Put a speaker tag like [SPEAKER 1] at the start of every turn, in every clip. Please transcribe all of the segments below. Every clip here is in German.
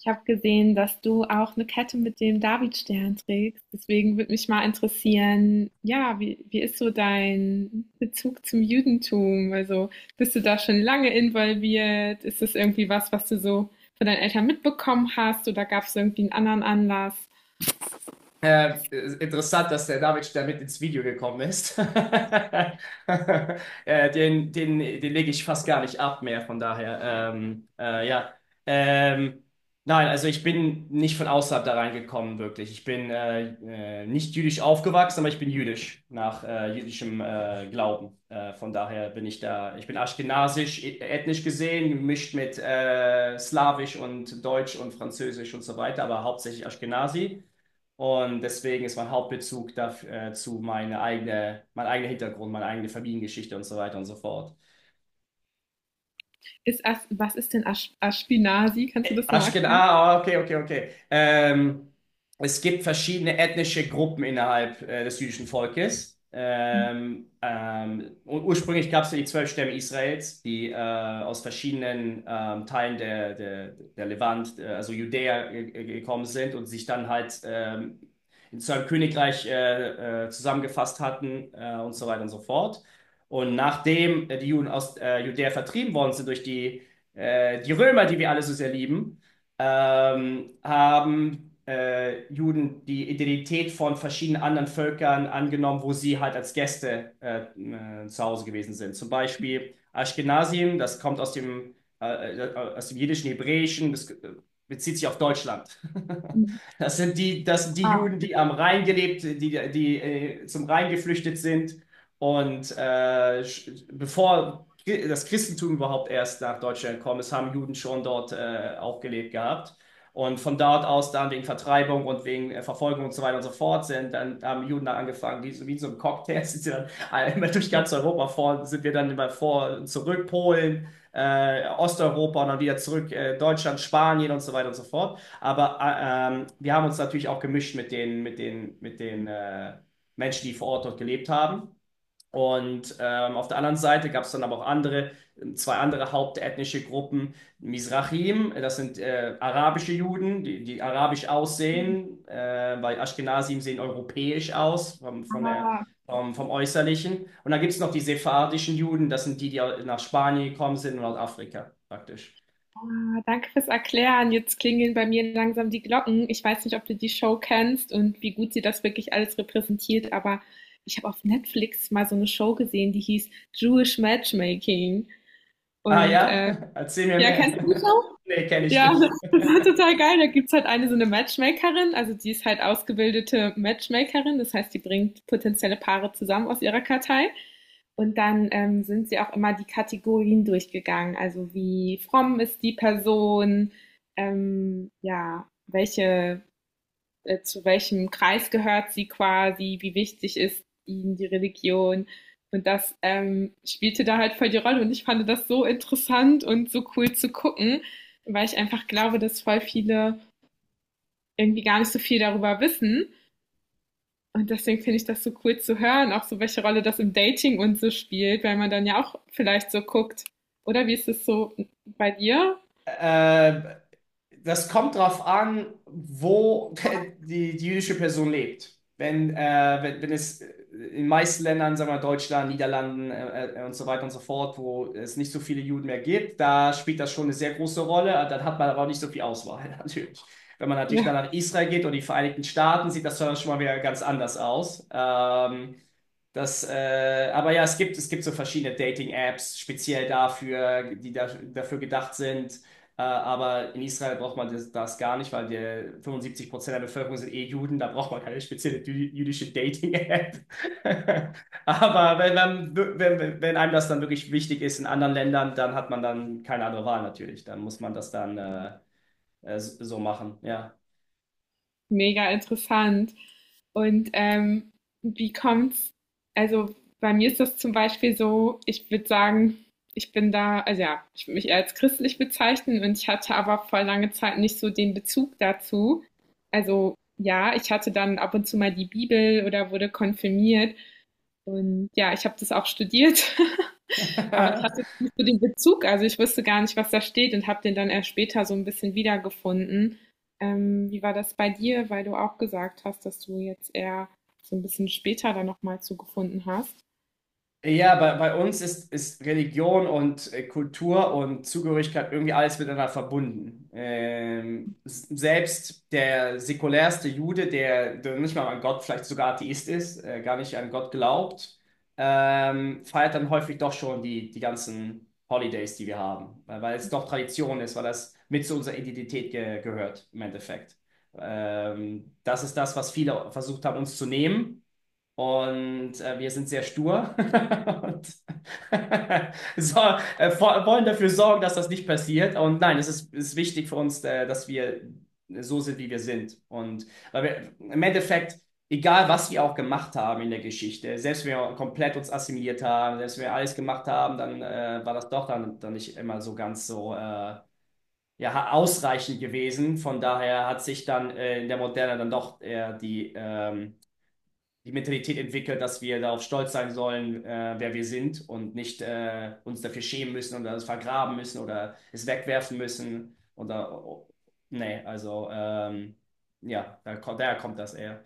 [SPEAKER 1] Ich habe gesehen, dass du auch eine Kette mit dem Davidstern trägst. Deswegen würde mich mal interessieren, ja, wie ist so dein Bezug zum Judentum? Also bist du da schon lange involviert? Ist das irgendwie was, was du so von deinen Eltern mitbekommen hast? Oder gab es irgendwie einen anderen Anlass?
[SPEAKER 2] Äh, Interessant, dass der David damit ins Video gekommen ist. Den lege ich fast gar nicht ab mehr, von daher. Ja. Ähm, nein, also ich bin nicht von außerhalb da reingekommen, wirklich. Ich bin nicht jüdisch aufgewachsen, aber ich bin jüdisch nach jüdischem Glauben. Von daher bin ich da, ich bin aschkenasisch, ethnisch gesehen, gemischt mit Slawisch und Deutsch und Französisch und so weiter, aber hauptsächlich Aschkenasi. Und deswegen ist mein Hauptbezug dafür, mein eigener Hintergrund, meine eigene Familiengeschichte und so weiter und so fort.
[SPEAKER 1] Ist As was ist denn Ash Ashkenazi? Kannst du das nochmal
[SPEAKER 2] Ach, genau.
[SPEAKER 1] erklären?
[SPEAKER 2] Okay, okay, okay. Es gibt verschiedene ethnische Gruppen innerhalb des jüdischen Volkes. Und ursprünglich gab es ja die 12 Stämme Israels, die aus verschiedenen Teilen der Levant, also Judäa, gekommen sind und sich dann halt in zu einem Königreich zusammengefasst hatten und so weiter und so fort. Und nachdem die Juden aus Judäa vertrieben worden sind durch die Römer, die wir alle so sehr lieben, haben Juden die Identität von verschiedenen anderen Völkern angenommen, wo sie halt als Gäste zu Hause gewesen sind. Zum Beispiel Ashkenazim, das kommt aus aus dem jiddischen Hebräischen, das bezieht sich auf Deutschland. Das sind die
[SPEAKER 1] Ah,
[SPEAKER 2] Juden, die am Rhein gelebt, die zum Rhein geflüchtet sind. Und äh, Bevor das Christentum überhaupt erst nach Deutschland gekommen ist, haben Juden schon dort auch gelebt gehabt. Und von dort aus dann wegen Vertreibung und wegen Verfolgung und so weiter und so fort sind, dann haben Juden dann angefangen, so- wie so ein Cocktail, sind sie dann immer durch ganz Europa vor, sind wir dann immer vor zurück, Polen, Osteuropa und dann wieder zurück, Deutschland, Spanien und so weiter und so fort. Wir haben uns natürlich auch gemischt mit mit den Menschen, die vor Ort dort gelebt haben. Auf der anderen Seite gab es dann aber auch zwei andere hauptethnische Gruppen. Mizrahim, das sind arabische Juden, die arabisch aussehen, weil Ashkenazim sehen europäisch aus, vom, von der,
[SPEAKER 1] ah,
[SPEAKER 2] vom, vom Äußerlichen. Und dann gibt es noch die sephardischen Juden, das sind die, die nach Spanien gekommen sind und Nordafrika praktisch.
[SPEAKER 1] ah. Danke fürs Erklären. Jetzt klingeln bei mir langsam die Glocken. Ich weiß nicht, ob du die Show kennst und wie gut sie das wirklich alles repräsentiert, aber ich habe auf Netflix mal so eine Show gesehen, die hieß Jewish Matchmaking.
[SPEAKER 2] Ah
[SPEAKER 1] Und
[SPEAKER 2] ja, erzähl mir
[SPEAKER 1] ja, kennst du die
[SPEAKER 2] mehr.
[SPEAKER 1] Show?
[SPEAKER 2] Nee, kenne ich
[SPEAKER 1] Ja,
[SPEAKER 2] nicht.
[SPEAKER 1] das war total geil. Da gibt's halt eine so eine Matchmakerin, also die ist halt ausgebildete Matchmakerin, das heißt, die bringt potenzielle Paare zusammen aus ihrer Kartei. Und dann sind sie auch immer die Kategorien durchgegangen, also wie fromm ist die Person, ja, welche zu welchem Kreis gehört sie quasi, wie wichtig ist ihnen die Religion. Und das spielte da halt voll die Rolle. Und ich fand das so interessant und so cool zu gucken, weil ich einfach glaube, dass voll viele irgendwie gar nicht so viel darüber wissen. Und deswegen finde ich das so cool zu hören, auch so welche Rolle das im Dating und so spielt, weil man dann ja auch vielleicht so guckt. Oder wie ist es so bei dir?
[SPEAKER 2] Äh, Das kommt drauf an, wo die jüdische Person lebt. Wenn es in den meisten Ländern, sagen wir mal Deutschland, Niederlanden und so weiter und so fort, wo es nicht so viele Juden mehr gibt, da spielt das schon eine sehr große Rolle. Dann hat man aber auch nicht so viel Auswahl, natürlich. Wenn man natürlich dann
[SPEAKER 1] Ja.
[SPEAKER 2] nach Israel geht und die Vereinigten Staaten, sieht das dann schon mal wieder ganz anders aus. Aber ja, es gibt so verschiedene Dating-Apps, speziell dafür, dafür gedacht sind aber in Israel braucht man das gar nicht, weil der 75% der Bevölkerung sind eh Juden, da braucht man keine spezielle jüdische Dating-App. Aber wenn, man, wenn, Wenn einem das dann wirklich wichtig ist in anderen Ländern, dann hat man dann keine andere Wahl natürlich. Dann muss man das dann so machen, ja.
[SPEAKER 1] Mega interessant. Und wie kommt's? Also bei mir ist das zum Beispiel so, ich würde sagen, ich bin da, also ja, ich würde mich eher als christlich bezeichnen und ich hatte aber vor lange Zeit nicht so den Bezug dazu. Also ja, ich hatte dann ab und zu mal die Bibel oder wurde konfirmiert und ja, ich habe das auch studiert. Aber ich hatte nicht so den Bezug, also ich wusste gar nicht, was da steht und habe den dann erst später so ein bisschen wiedergefunden. Wie war das bei dir, weil du auch gesagt hast, dass du jetzt eher so ein bisschen später dann nochmal zugefunden hast?
[SPEAKER 2] Ja, bei uns ist, ist Religion und Kultur und Zugehörigkeit irgendwie alles miteinander verbunden. Selbst der säkulärste Jude, der nicht mal an Gott, vielleicht sogar Atheist ist, gar nicht an Gott glaubt, feiert dann häufig doch schon die ganzen Holidays, die wir haben, weil es doch Tradition ist, weil das mit zu unserer Identität ge gehört im Endeffekt. Das ist das, was viele versucht haben, uns zu nehmen. Und wir sind sehr stur und so, wollen dafür sorgen, dass das nicht passiert. Und nein, es ist wichtig für uns, dass wir so sind, wie wir sind. Und weil wir im Endeffekt, egal was wir auch gemacht haben in der Geschichte, selbst wenn wir komplett uns assimiliert haben, selbst wenn wir alles gemacht haben, dann war das doch dann nicht immer so ganz so ja, ausreichend gewesen. Von daher hat sich dann in der Moderne dann doch eher die Mentalität entwickelt, dass wir darauf stolz sein sollen, wer wir sind und nicht uns dafür schämen müssen oder es vergraben müssen oder es wegwerfen müssen. Nee, also ja, daher kommt das eher.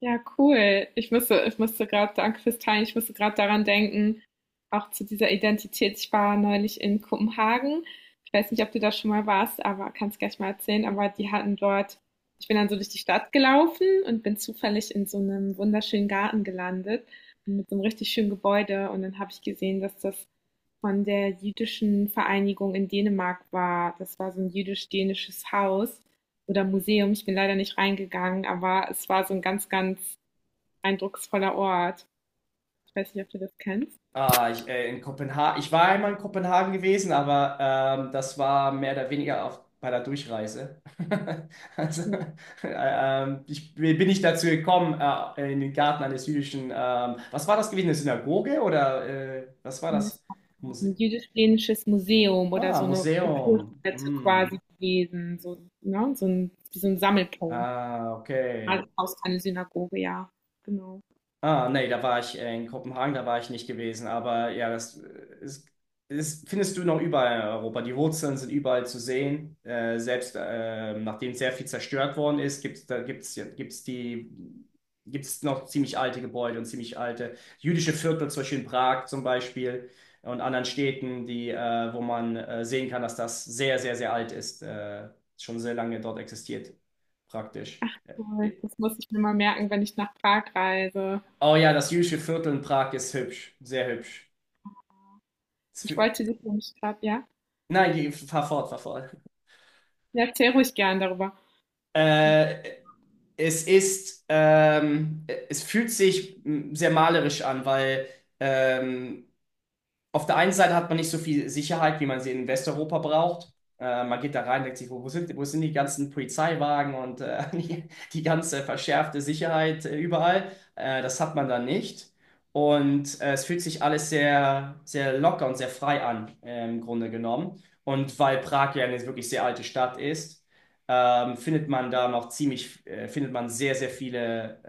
[SPEAKER 1] Ja, cool. Ich musste gerade, danke fürs Teilen, ich musste gerade daran denken, auch zu dieser Identität. Ich war neulich in Kopenhagen. Ich weiß nicht, ob du da schon mal warst, aber kannst gleich mal erzählen. Aber die hatten dort, ich bin dann so durch die Stadt gelaufen und bin zufällig in so einem wunderschönen Garten gelandet mit so einem richtig schönen Gebäude. Und dann habe ich gesehen, dass das von der jüdischen Vereinigung in Dänemark war. Das war so ein jüdisch-dänisches Haus oder Museum. Ich bin leider nicht reingegangen, aber es war so ein ganz, ganz eindrucksvoller Ort. Ich weiß nicht, ob du das kennst.
[SPEAKER 2] Ich war einmal in Kopenhagen gewesen, aber das war mehr oder weniger auf, bei der Durchreise. Also,
[SPEAKER 1] Ja.
[SPEAKER 2] äh, Ich bin nicht dazu gekommen, in den Garten eines jüdischen. Was war das gewesen? Eine Synagoge oder was war das?
[SPEAKER 1] Ein
[SPEAKER 2] Muse
[SPEAKER 1] jüdisch-plenisches Museum oder
[SPEAKER 2] Ah,
[SPEAKER 1] so eine
[SPEAKER 2] Museum.
[SPEAKER 1] Kulturstätte
[SPEAKER 2] Hm.
[SPEAKER 1] quasi gewesen. So, ne? So, ein, so ein Sammelpunkt.
[SPEAKER 2] Ah, okay.
[SPEAKER 1] Alles aus einer Synagoge, ja. Genau.
[SPEAKER 2] Nee, da war ich in Kopenhagen, da war ich nicht gewesen, aber ja, das ist, ist, findest du noch überall in Europa. Die Wurzeln sind überall zu sehen. Selbst nachdem sehr viel zerstört worden ist, gibt's da gibt's, ja- gibt's die, gibt's noch ziemlich alte Gebäude und ziemlich alte jüdische Viertel, zum Beispiel und anderen Städten, wo man sehen kann, dass das sehr, sehr, sehr alt ist, schon sehr lange dort existiert, praktisch.
[SPEAKER 1] Toll.
[SPEAKER 2] Äh,
[SPEAKER 1] Das muss ich mir mal merken, wenn ich nach Prag reise.
[SPEAKER 2] Oh ja, das Jüdische Viertel in Prag ist hübsch, sehr hübsch. Es
[SPEAKER 1] Ich
[SPEAKER 2] fü-
[SPEAKER 1] wollte dich nämlich gerade, ja?
[SPEAKER 2] Nein, die, fahr fort, fahr fort.
[SPEAKER 1] Ja, erzähl ruhig gern darüber.
[SPEAKER 2] Äh, es ist, ähm, Es fühlt sich sehr malerisch an, weil ähm, auf der einen Seite hat man nicht so viel Sicherheit, wie man sie in Westeuropa braucht. Man geht da rein, denkt sich, wo sind die ganzen Polizeiwagen und die ganze verschärfte Sicherheit überall? Das hat man da nicht. Und es fühlt sich alles sehr, sehr locker und sehr frei an, im Grunde genommen. Und weil Prag ja eine wirklich sehr alte Stadt ist, findet man da noch findet man sehr, sehr viele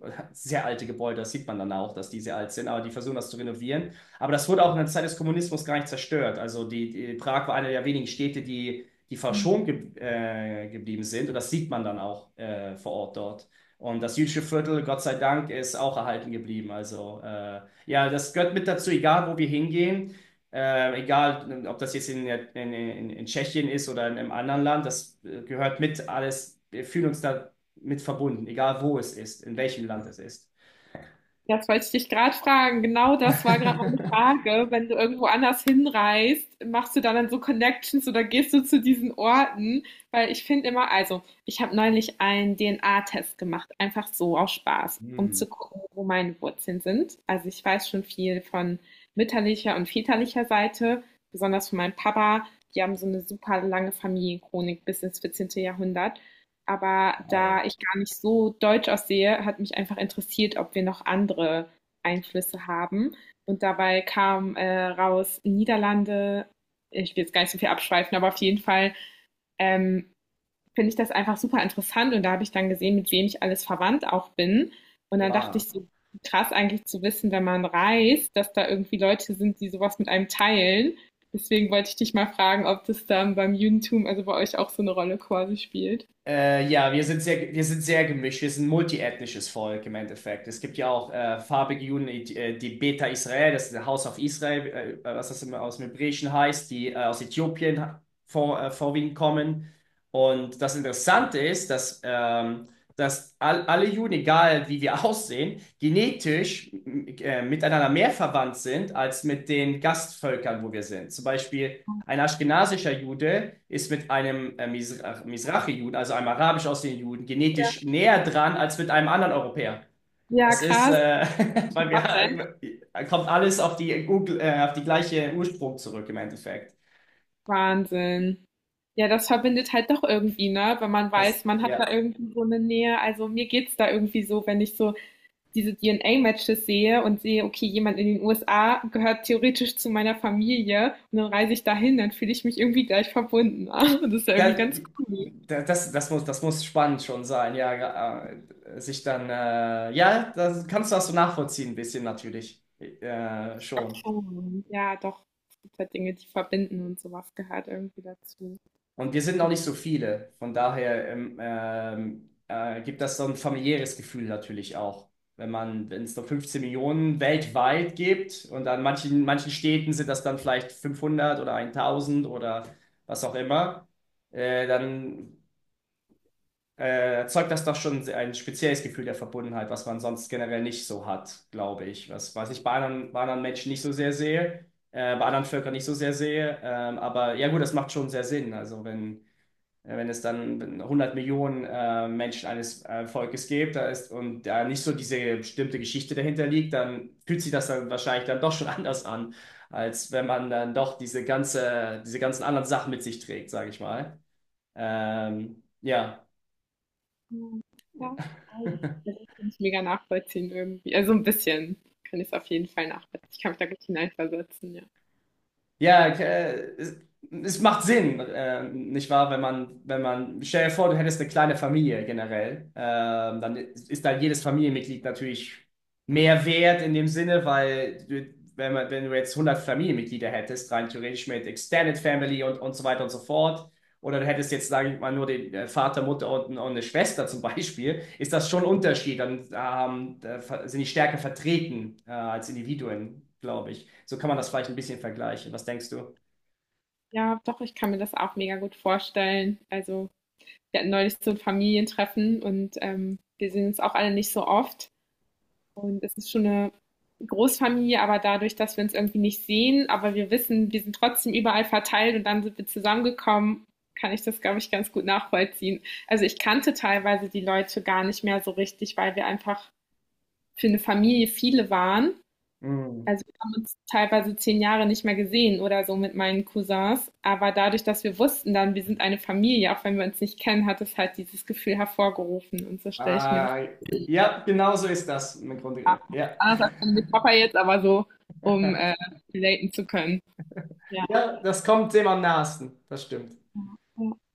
[SPEAKER 2] sehr alte Gebäude. Das sieht man dann auch, dass die sehr alt sind, aber die versuchen das zu renovieren. Aber das wurde auch in der Zeit des Kommunismus gar nicht zerstört. Die Prag war eine der wenigen Städte, die verschont ge geblieben sind. Und das sieht man dann auch vor Ort dort. Und das jüdische Viertel, Gott sei Dank, ist auch erhalten geblieben. Also ja, das gehört mit dazu, egal wo wir hingehen. Egal, ob das jetzt in Tschechien ist oder in einem anderen Land, das gehört mit alles. Wir fühlen uns da mit verbunden, egal wo es ist, in welchem Land es ist.
[SPEAKER 1] Das wollte ich dich gerade fragen. Genau das war gerade meine Frage. Wenn du irgendwo anders hinreist, machst du da dann so Connections oder gehst du zu diesen Orten? Weil ich finde immer, also ich habe neulich einen DNA-Test gemacht, einfach so aus Spaß, um
[SPEAKER 2] Hm,
[SPEAKER 1] zu gucken, wo meine Wurzeln sind. Also ich weiß schon viel von mütterlicher und väterlicher Seite, besonders von meinem Papa. Die haben so eine super lange Familienchronik bis ins 14. Jahrhundert. Aber
[SPEAKER 2] wow.
[SPEAKER 1] da ich gar nicht so deutsch aussehe, hat mich einfach interessiert, ob wir noch andere Einflüsse haben. Und dabei kam raus Niederlande. Ich will jetzt gar nicht so viel abschweifen, aber auf jeden Fall ähm, finde ich das einfach super interessant. Und da habe ich dann gesehen, mit wem ich alles verwandt auch bin. Und dann dachte
[SPEAKER 2] Wow.
[SPEAKER 1] ich so, krass eigentlich zu wissen, wenn man reist, dass da irgendwie Leute sind, die sowas mit einem teilen. Deswegen wollte ich dich mal fragen, ob das dann beim Judentum, also bei euch auch so eine Rolle quasi spielt.
[SPEAKER 2] Ja, wir sind sehr gemischt. Wir sind ein multiethnisches Volk im Endeffekt. Es gibt ja auch farbige Juden, die Beta Israel, das ist der House of Israel, was das immer aus dem Hebräischen heißt, die aus Äthiopien vorwiegend kommen. Und das Interessante ist, dass alle Juden, egal wie wir aussehen, genetisch miteinander mehr verwandt sind als mit den Gastvölkern, wo wir sind. Zum Beispiel. Ein aschkenasischer Jude ist mit einem Misra- juden also einem arabisch aussehenden Juden, genetisch näher dran als mit einem anderen Europäer.
[SPEAKER 1] Ja,
[SPEAKER 2] Das ist,
[SPEAKER 1] krass.
[SPEAKER 2] äh, weil
[SPEAKER 1] Okay.
[SPEAKER 2] wir, Kommt alles auf auf die gleiche Ursprung zurück im Endeffekt.
[SPEAKER 1] Wahnsinn. Ja, das verbindet halt doch irgendwie, ne? Wenn man
[SPEAKER 2] Es,
[SPEAKER 1] weiß, man hat
[SPEAKER 2] ja,
[SPEAKER 1] da irgendwie so eine Nähe. Also mir geht's da irgendwie so, wenn ich so diese DNA-Matches sehe und sehe, okay, jemand in den USA gehört theoretisch zu meiner Familie und dann reise ich dahin, dann fühle ich mich irgendwie gleich verbunden. Das ist ja irgendwie
[SPEAKER 2] da,
[SPEAKER 1] ganz cool.
[SPEAKER 2] da, das, Das muss, das muss spannend schon sein, ja, ja, das kannst du das so nachvollziehen, ein bisschen natürlich, schon.
[SPEAKER 1] Oh, ja, doch. Es gibt halt Dinge, die verbinden und sowas gehört irgendwie dazu.
[SPEAKER 2] Und wir sind noch nicht so viele. Von daher gibt das so ein familiäres Gefühl natürlich auch. Wenn es nur 15 Millionen weltweit gibt und an manchen Städten sind das dann vielleicht 500 oder 1000 oder was auch immer, dann erzeugt das doch schon ein spezielles Gefühl der Verbundenheit, was man sonst generell nicht so hat, glaube ich. Was ich bei anderen Menschen nicht so sehr sehe, bei anderen Völkern nicht so sehr sehe. Aber ja gut, das macht schon sehr Sinn. Also, wenn es dann 100 Millionen Menschen eines Volkes gibt, da ist und da nicht so diese bestimmte Geschichte dahinter liegt, dann fühlt sich das dann wahrscheinlich dann doch schon anders an, als wenn man dann doch diese ganzen anderen Sachen mit sich trägt, sage ich mal. Ja.
[SPEAKER 1] Mhm. Ja, also ich kann es mega nachvollziehen irgendwie. Also ein bisschen kann ich es auf jeden Fall nachvollziehen. Ich kann mich da gut hineinversetzen, ja.
[SPEAKER 2] Ja, es macht Sinn, nicht wahr? Wenn man, stell dir vor, du hättest eine kleine Familie generell, dann ist da jedes Familienmitglied natürlich mehr wert in dem Sinne, weil du, wenn du jetzt 100 Familienmitglieder hättest, rein theoretisch mit Extended Family und so weiter und so fort, oder du hättest jetzt, sage ich mal, nur den Vater, Mutter und eine Schwester zum Beispiel, ist das schon ein Unterschied. Dann da sind die stärker vertreten als Individuen, glaube ich. So kann man das vielleicht ein bisschen vergleichen. Was denkst du?
[SPEAKER 1] Ja, doch, ich kann mir das auch mega gut vorstellen. Also wir hatten neulich so ein Familientreffen und wir sehen uns auch alle nicht so oft. Und es ist schon eine Großfamilie, aber dadurch, dass wir uns irgendwie nicht sehen, aber wir wissen, wir sind trotzdem überall verteilt und dann sind wir zusammengekommen, kann ich das, glaube ich, ganz gut nachvollziehen. Also ich kannte teilweise die Leute gar nicht mehr so richtig, weil wir einfach für eine Familie viele waren.
[SPEAKER 2] Hm.
[SPEAKER 1] Also wir haben uns teilweise zehn Jahre nicht mehr gesehen oder so mit meinen Cousins. Aber dadurch, dass wir wussten dann, wir sind eine Familie, auch wenn wir uns nicht kennen, hat es halt dieses Gefühl hervorgerufen. Und so stelle ich mir das
[SPEAKER 2] Äh, ja, genau so ist das im
[SPEAKER 1] vor.
[SPEAKER 2] Grunde. Ja.
[SPEAKER 1] Anders als mit Papa jetzt, aber so, um relaten zu können. Ja.
[SPEAKER 2] Ja, das kommt dem am nahesten. Das stimmt.
[SPEAKER 1] Ja.